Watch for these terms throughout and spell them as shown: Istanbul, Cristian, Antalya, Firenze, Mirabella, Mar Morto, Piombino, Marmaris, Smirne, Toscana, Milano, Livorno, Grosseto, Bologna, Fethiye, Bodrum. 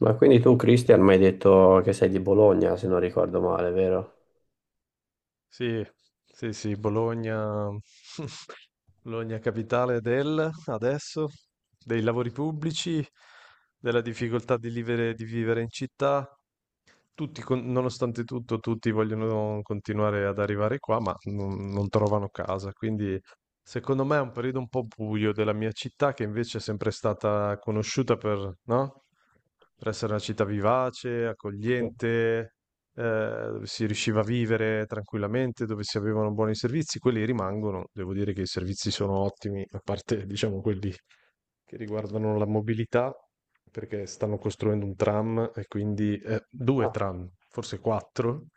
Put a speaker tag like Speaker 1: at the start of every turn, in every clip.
Speaker 1: Ma quindi tu, Cristian, mi hai detto che sei di Bologna, se non ricordo male, vero?
Speaker 2: Sì, sì, sì, Bologna, Bologna capitale del, adesso, dei lavori pubblici, della difficoltà di vivere in città, nonostante tutto, tutti vogliono continuare ad arrivare qua, ma non trovano casa. Quindi, secondo me, è un periodo un po' buio della mia città, che invece è sempre stata conosciuta per, no? Per essere una città vivace,
Speaker 1: Sì.
Speaker 2: accogliente, dove si riusciva a vivere tranquillamente, dove si avevano buoni servizi. Quelli rimangono. Devo dire che i servizi sono ottimi, a parte, diciamo, quelli che riguardano la mobilità, perché stanno costruendo un tram e quindi due
Speaker 1: Ah,
Speaker 2: tram, forse quattro,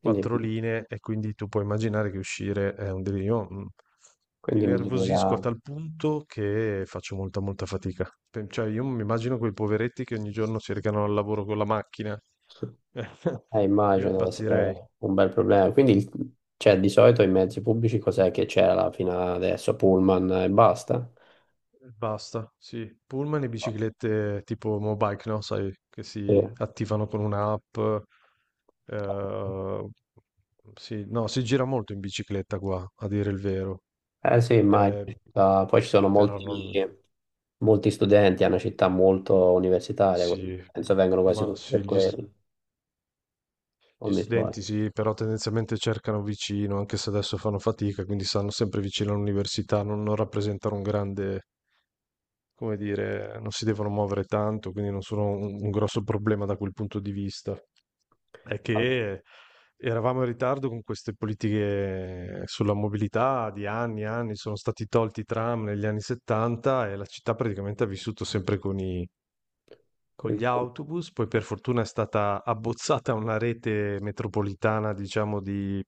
Speaker 2: quattro
Speaker 1: quindi,
Speaker 2: linee e quindi tu puoi immaginare che uscire è un delirio. Io, mi
Speaker 1: quindi
Speaker 2: nervosisco a
Speaker 1: migliorerà.
Speaker 2: tal punto che faccio molta molta fatica. Cioè, io mi immagino quei poveretti che ogni giorno si recano al lavoro con la macchina. Io
Speaker 1: Immagino deve
Speaker 2: impazzirei.
Speaker 1: essere un bel problema. Quindi, cioè, di solito i mezzi pubblici cos'è che c'era fino adesso? Pullman e basta?
Speaker 2: Basta, sì. Pullman e biciclette tipo Mobike, no? Sai, che si
Speaker 1: Sì.
Speaker 2: attivano con un'app. eh, sì, no, si gira molto in bicicletta qua, a dire il vero.
Speaker 1: Eh sì, immagino.
Speaker 2: Eh,
Speaker 1: Ah, poi ci sono
Speaker 2: però
Speaker 1: molti,
Speaker 2: non...
Speaker 1: molti studenti, è una città molto universitaria, quindi
Speaker 2: Sì,
Speaker 1: penso vengano quasi
Speaker 2: ma
Speaker 1: tutti
Speaker 2: sì,
Speaker 1: per
Speaker 2: gli, st-
Speaker 1: quello, non
Speaker 2: gli
Speaker 1: mi sbaglio.
Speaker 2: studenti sì, però tendenzialmente cercano vicino, anche se adesso fanno fatica, quindi stanno sempre vicino all'università, non rappresentano un grande... Come dire, non si devono muovere tanto, quindi non sono un grosso problema da quel punto di vista. È
Speaker 1: Ah,
Speaker 2: che eravamo in ritardo con queste politiche sulla mobilità di anni e anni, sono stati tolti i tram negli anni '70 e la città praticamente ha vissuto sempre con i-
Speaker 1: per
Speaker 2: con
Speaker 1: il-
Speaker 2: gli autobus, poi per fortuna è stata abbozzata una rete metropolitana, diciamo, di,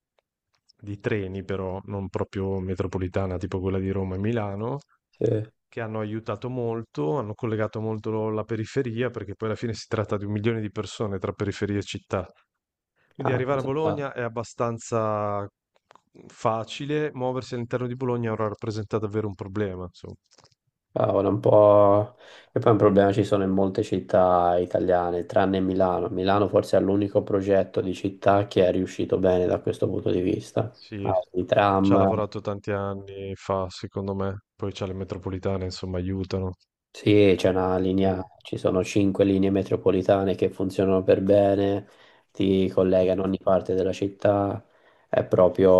Speaker 2: di treni, però non proprio metropolitana, tipo quella di Roma e Milano,
Speaker 1: sì.
Speaker 2: che hanno aiutato molto, hanno collegato molto la periferia, perché poi alla fine si tratta di un milione di persone tra periferia e città. Quindi arrivare a
Speaker 1: Ah,
Speaker 2: Bologna è abbastanza facile, muoversi all'interno di Bologna ora rappresenta davvero un problema, insomma.
Speaker 1: cavolo, un po'. E poi un problema ci sono in molte città italiane, tranne Milano. Milano forse è l'unico progetto di città che è riuscito bene da questo punto di vista. Ha
Speaker 2: Sì,
Speaker 1: i
Speaker 2: ci ha
Speaker 1: tram.
Speaker 2: lavorato tanti anni fa, secondo me, poi c'ha le metropolitane, insomma, aiutano.
Speaker 1: Sì, c'è una linea,
Speaker 2: E-
Speaker 1: ci sono cinque linee metropolitane che funzionano per bene, ti collegano a
Speaker 2: mhm.
Speaker 1: ogni parte della città, è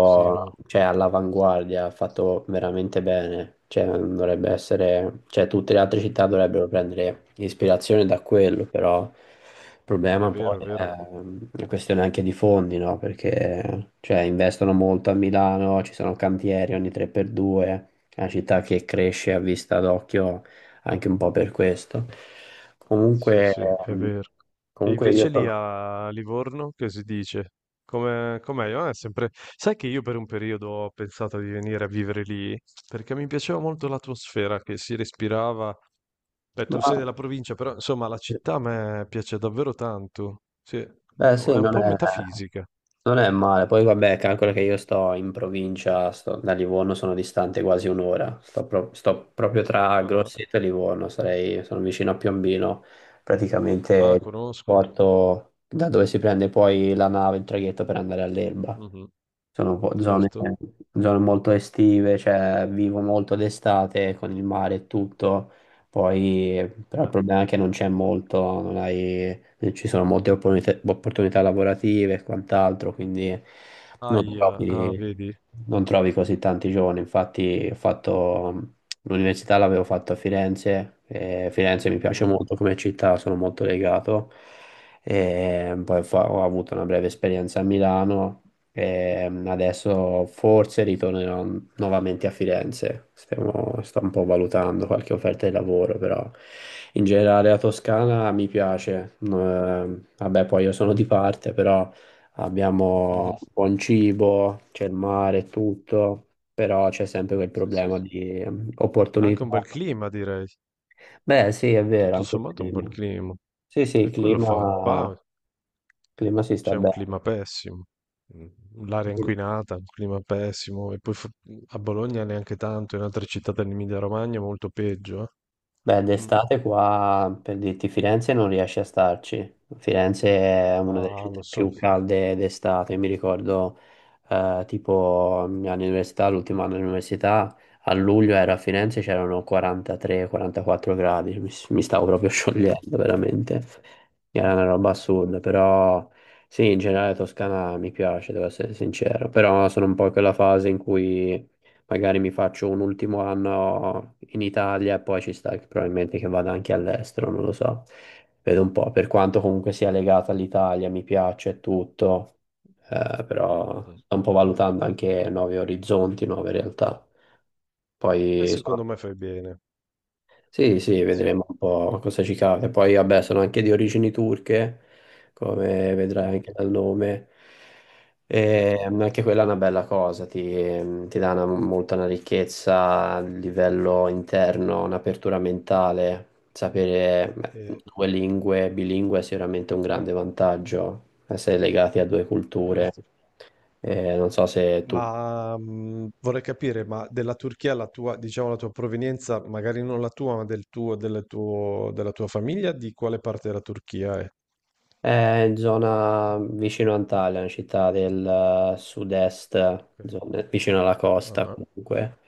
Speaker 2: Sì, no,
Speaker 1: cioè, all'avanguardia, fatto veramente bene, cioè, dovrebbe essere, cioè, tutte le altre città dovrebbero prendere ispirazione da quello, però il
Speaker 2: è
Speaker 1: problema poi
Speaker 2: vero, è
Speaker 1: è
Speaker 2: vero.
Speaker 1: una questione anche di fondi, no? Perché, cioè, investono molto a Milano, ci sono cantieri ogni 3x2, è una città che cresce a vista d'occhio anche un po' per questo.
Speaker 2: Sì,
Speaker 1: Comunque,
Speaker 2: sì, è
Speaker 1: ehm,
Speaker 2: vero. E
Speaker 1: comunque, io
Speaker 2: invece lì
Speaker 1: sono.
Speaker 2: a Livorno che si dice? Com'è? Ah, è sempre... Sai che io per un periodo ho pensato di venire a vivere lì perché mi piaceva molto l'atmosfera che si respirava. Beh,
Speaker 1: Ma,
Speaker 2: tu sei della provincia, però insomma la città a me piace davvero tanto. Sì,
Speaker 1: beh sì,
Speaker 2: è un
Speaker 1: non
Speaker 2: po'
Speaker 1: è,
Speaker 2: metafisica.
Speaker 1: non è male. Poi vabbè, calcola che io sto in provincia, da Livorno sono distante quasi un'ora. Sto proprio tra
Speaker 2: Ah,
Speaker 1: Grosseto e Livorno, sarei, sono vicino a Piombino,
Speaker 2: ah,
Speaker 1: praticamente il
Speaker 2: conosco.
Speaker 1: porto da dove si prende poi la nave, il traghetto per andare all'Elba.
Speaker 2: Mhm.
Speaker 1: Sono po- zone,
Speaker 2: Certo.
Speaker 1: zone molto estive, cioè vivo molto d'estate con il mare e tutto, poi però il
Speaker 2: Eh,
Speaker 1: problema è che non c'è molto, non ci sono molte opportunità lavorative e quant'altro, quindi non
Speaker 2: Aia, ah,
Speaker 1: trovi,
Speaker 2: vedi?
Speaker 1: non trovi così tanti giovani. Infatti ho fatto l'università, l'avevo fatto a Firenze, e Firenze mi piace
Speaker 2: Mhm.
Speaker 1: molto come città, sono molto legato e poi ho avuto una breve esperienza a Milano e adesso forse ritornerò nuovamente a Firenze. Sto un po' valutando qualche offerta di lavoro, però in generale la Toscana mi piace. No, vabbè, poi io sono di parte, però abbiamo buon cibo, c'è il mare, e tutto, però c'è sempre quel
Speaker 2: Sì, sì.
Speaker 1: problema di
Speaker 2: Anche
Speaker 1: opportunità.
Speaker 2: un bel clima, direi.
Speaker 1: Beh, sì, è vero,
Speaker 2: Tutto
Speaker 1: anche il
Speaker 2: sommato un bel
Speaker 1: clima.
Speaker 2: clima,
Speaker 1: Sì, sì,
Speaker 2: e quello fa.
Speaker 1: il
Speaker 2: Qua
Speaker 1: clima si sta
Speaker 2: c'è un
Speaker 1: bene.
Speaker 2: clima pessimo, l'aria inquinata, un clima pessimo, e poi a Bologna neanche tanto, in altre città dell'Emilia Romagna è molto peggio. Eh.
Speaker 1: Beh,
Speaker 2: Mm.
Speaker 1: d'estate qua, per dirti, Firenze non riesce a starci. Firenze è una delle
Speaker 2: Ah, lo
Speaker 1: città
Speaker 2: so.
Speaker 1: più calde d'estate. Mi ricordo, tipo, all'università, l'ultimo anno all'università, a luglio ero a Firenze, c'erano 43-44 gradi. Mi stavo proprio
Speaker 2: Sì, sì.
Speaker 1: sciogliendo, veramente. Era una roba assurda, però sì, in generale Toscana mi piace, devo essere sincero. Però sono un po' in quella fase in cui magari mi faccio un ultimo anno in Italia e poi ci sta che probabilmente che vada anche all'estero, non lo so. Vedo un po', per quanto comunque sia legata all'Italia, mi piace e tutto, però
Speaker 2: Mhm.
Speaker 1: sto un po' valutando anche nuovi orizzonti, nuove realtà.
Speaker 2: E
Speaker 1: Poi sono
Speaker 2: secondo me fai bene.
Speaker 1: Sì, sì,
Speaker 2: Sì.
Speaker 1: vedremo un po' cosa ci capita. Poi, vabbè, sono anche di origini turche, come vedrai
Speaker 2: Mhm.
Speaker 1: anche dal nome.
Speaker 2: Sì.
Speaker 1: E anche quella è una bella cosa, ti dà molta una ricchezza a livello interno, un'apertura mentale. Sapere, beh,
Speaker 2: Eh,
Speaker 1: due lingue, bilingue è sicuramente un grande vantaggio, essere legati a due culture.
Speaker 2: certo.
Speaker 1: Non so se tu.
Speaker 2: Ma vorrei capire, ma della Turchia la tua, diciamo, la tua provenienza, magari non la tua, ma della tua famiglia, di quale parte della Turchia è?
Speaker 1: È in zona vicino Antalya, una città del sud-est,
Speaker 2: Ok.
Speaker 1: vicino alla costa
Speaker 2: Ah,
Speaker 1: comunque.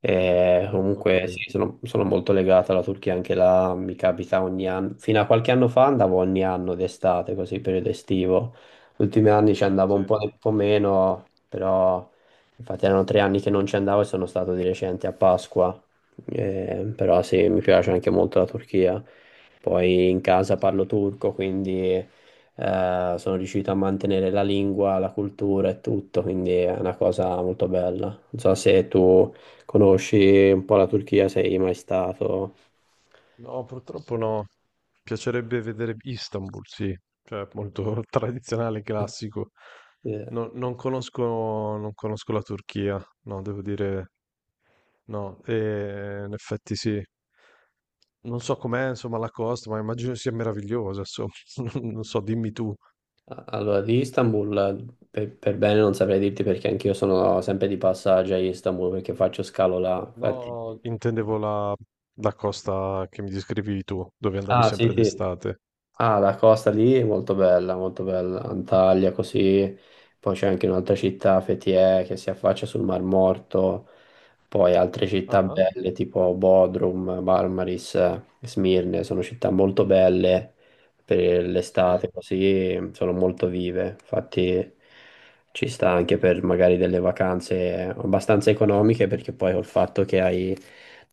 Speaker 1: E
Speaker 2: ok.
Speaker 1: comunque sì, sono molto legato alla Turchia, anche là mi capita ogni anno. Fino a qualche anno fa andavo ogni anno d'estate, così periodo estivo. Gli ultimi anni ci andavo
Speaker 2: Sì,
Speaker 1: un po' meno, però infatti erano 3 anni che non ci andavo e sono stato di recente a Pasqua. Però sì, mi piace anche molto la Turchia. Poi in casa
Speaker 2: sì.
Speaker 1: parlo turco, quindi sono riuscito a mantenere la lingua, la cultura e tutto, quindi è una cosa molto bella. Non so se tu conosci un po' la Turchia, sei mai stato.
Speaker 2: No, purtroppo no. Piacerebbe vedere Istanbul, sì, cioè molto tradizionale, classico.
Speaker 1: Eh,
Speaker 2: No- non conosco, non conosco la Turchia, no, devo dire no. E in effetti sì. Non so com'è, insomma, la costa, ma immagino sia meravigliosa, insomma. Non so, dimmi tu.
Speaker 1: Allora, di Istanbul per bene non saprei dirti perché anch'io sono sempre di passaggio a Istanbul perché faccio scalo là. Infatti.
Speaker 2: No, intendevo la, costa che mi descrivi tu, dove andavi
Speaker 1: Ah, sì,
Speaker 2: sempre
Speaker 1: sì.
Speaker 2: d'estate.
Speaker 1: Ah, la costa lì è molto bella, molto bella. Antalya così, poi c'è anche un'altra città, Fethiye, che si affaccia sul Mar Morto, poi altre
Speaker 2: Ah,
Speaker 1: città
Speaker 2: ah,
Speaker 1: belle tipo Bodrum, Marmaris, Smirne, sono città molto belle per
Speaker 2: sì.
Speaker 1: l'estate, così sono molto vive, infatti ci sta anche per magari delle vacanze abbastanza economiche perché poi col fatto che hai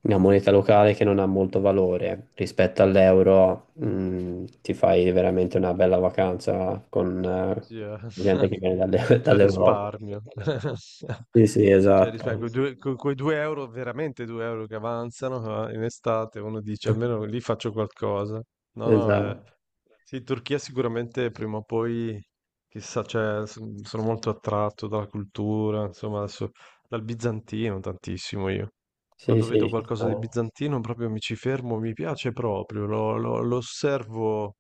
Speaker 1: una moneta locale che non ha molto valore rispetto all'euro, ti fai veramente una bella vacanza con
Speaker 2: Sì, eh.
Speaker 1: gente che viene
Speaker 2: C'è
Speaker 1: dall'Europa.
Speaker 2: risparmio.
Speaker 1: Sì, sì,
Speaker 2: Cioè, rispetto Sì, a
Speaker 1: esatto.
Speaker 2: sì. Quei due euro, veramente due euro che avanzano in estate, uno dice almeno lì faccio qualcosa. No, no,
Speaker 1: Esatto.
Speaker 2: sì, Turchia sicuramente prima o poi, chissà, cioè, sono molto attratto dalla cultura, insomma, adesso, dal bizantino tantissimo io.
Speaker 1: Sì,
Speaker 2: Quando vedo
Speaker 1: sì, ci sta.
Speaker 2: qualcosa di bizantino proprio mi ci fermo, mi piace proprio, lo osservo,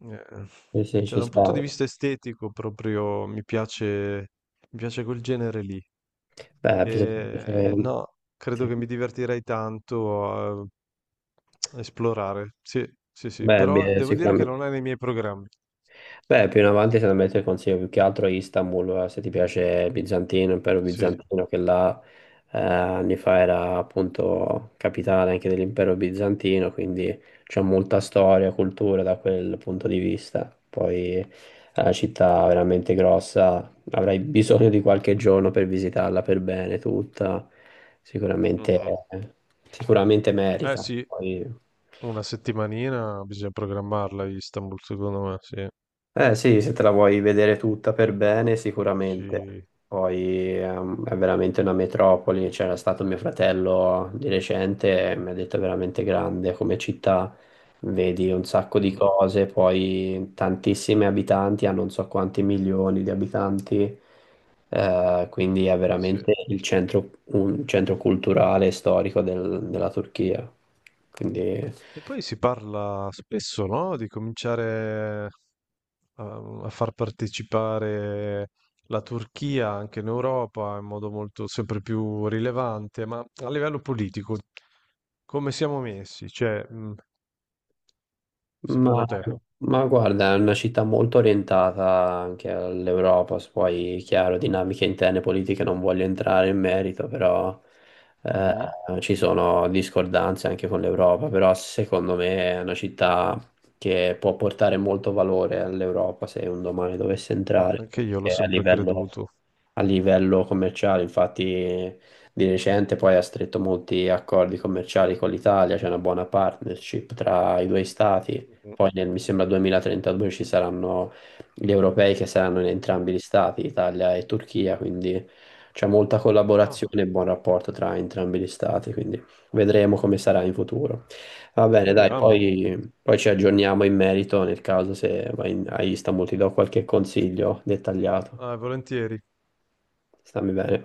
Speaker 2: eh,
Speaker 1: Sì, sì,
Speaker 2: cioè
Speaker 1: ci
Speaker 2: da un punto
Speaker 1: sta.
Speaker 2: di vista estetico proprio mi piace quel genere lì.
Speaker 1: Beh,
Speaker 2: E, no, credo
Speaker 1: sì.
Speaker 2: che mi divertirei tanto a esplorare. Sì, sì, sì,
Speaker 1: Beh,
Speaker 2: però
Speaker 1: beh,
Speaker 2: devo dire che
Speaker 1: sicuramente.
Speaker 2: non è nei miei programmi.
Speaker 1: Beh, più in avanti secondo me ti consiglio più che altro Istanbul, se ti piace Bizantino, impero
Speaker 2: Sì.
Speaker 1: bizantino, che là anni fa era appunto capitale anche dell'impero bizantino, quindi c'è molta storia, cultura da quel punto di vista. Poi è una città veramente grossa, avrai bisogno di qualche giorno per visitarla per bene tutta, sicuramente,
Speaker 2: Mhm.
Speaker 1: sicuramente
Speaker 2: Eh
Speaker 1: merita.
Speaker 2: sì,
Speaker 1: Poi.
Speaker 2: una settimanina bisogna programmarla a Istanbul, secondo me, sì.
Speaker 1: Eh sì, se te la vuoi vedere tutta per bene, sicuramente.
Speaker 2: Sì.
Speaker 1: Poi è veramente una metropoli. C'era stato mio fratello di recente e mi ha detto è veramente grande come città. Vedi un sacco di
Speaker 2: Mhm.
Speaker 1: cose, poi tantissimi abitanti, ha non so quanti milioni di abitanti, quindi è
Speaker 2: Sì.
Speaker 1: veramente il centro, un centro culturale e storico della Turchia. Quindi.
Speaker 2: E poi si parla spesso, no? Di cominciare a far partecipare la Turchia anche in Europa in modo molto sempre più rilevante, ma a livello politico come siamo messi? Cioè,
Speaker 1: Ma,
Speaker 2: secondo te?
Speaker 1: ma guarda, è una città molto orientata anche all'Europa, se poi chiaro, dinamiche interne politiche non voglio entrare in merito, però
Speaker 2: Mhm.
Speaker 1: ci sono discordanze anche con l'Europa, però secondo me è una città che può portare molto valore all'Europa se un domani dovesse
Speaker 2: Ma
Speaker 1: entrare,
Speaker 2: anche io l'ho
Speaker 1: perché a
Speaker 2: sempre
Speaker 1: livello,
Speaker 2: creduto.
Speaker 1: commerciale, infatti di recente poi ha stretto molti accordi commerciali con l'Italia, c'è una buona partnership tra i due stati.
Speaker 2: Mhm.
Speaker 1: Poi nel, mi sembra 2032, ci saranno gli europei che saranno in entrambi gli stati, Italia e Turchia, quindi c'è molta
Speaker 2: Ah,
Speaker 1: collaborazione e buon rapporto tra entrambi gli stati, quindi vedremo come sarà in futuro. Va
Speaker 2: ma
Speaker 1: bene, dai,
Speaker 2: speriamo.
Speaker 1: poi, ci aggiorniamo in merito nel caso se vai a Istanbul, ti do qualche consiglio dettagliato.
Speaker 2: Ah, volentieri.
Speaker 1: Stammi bene.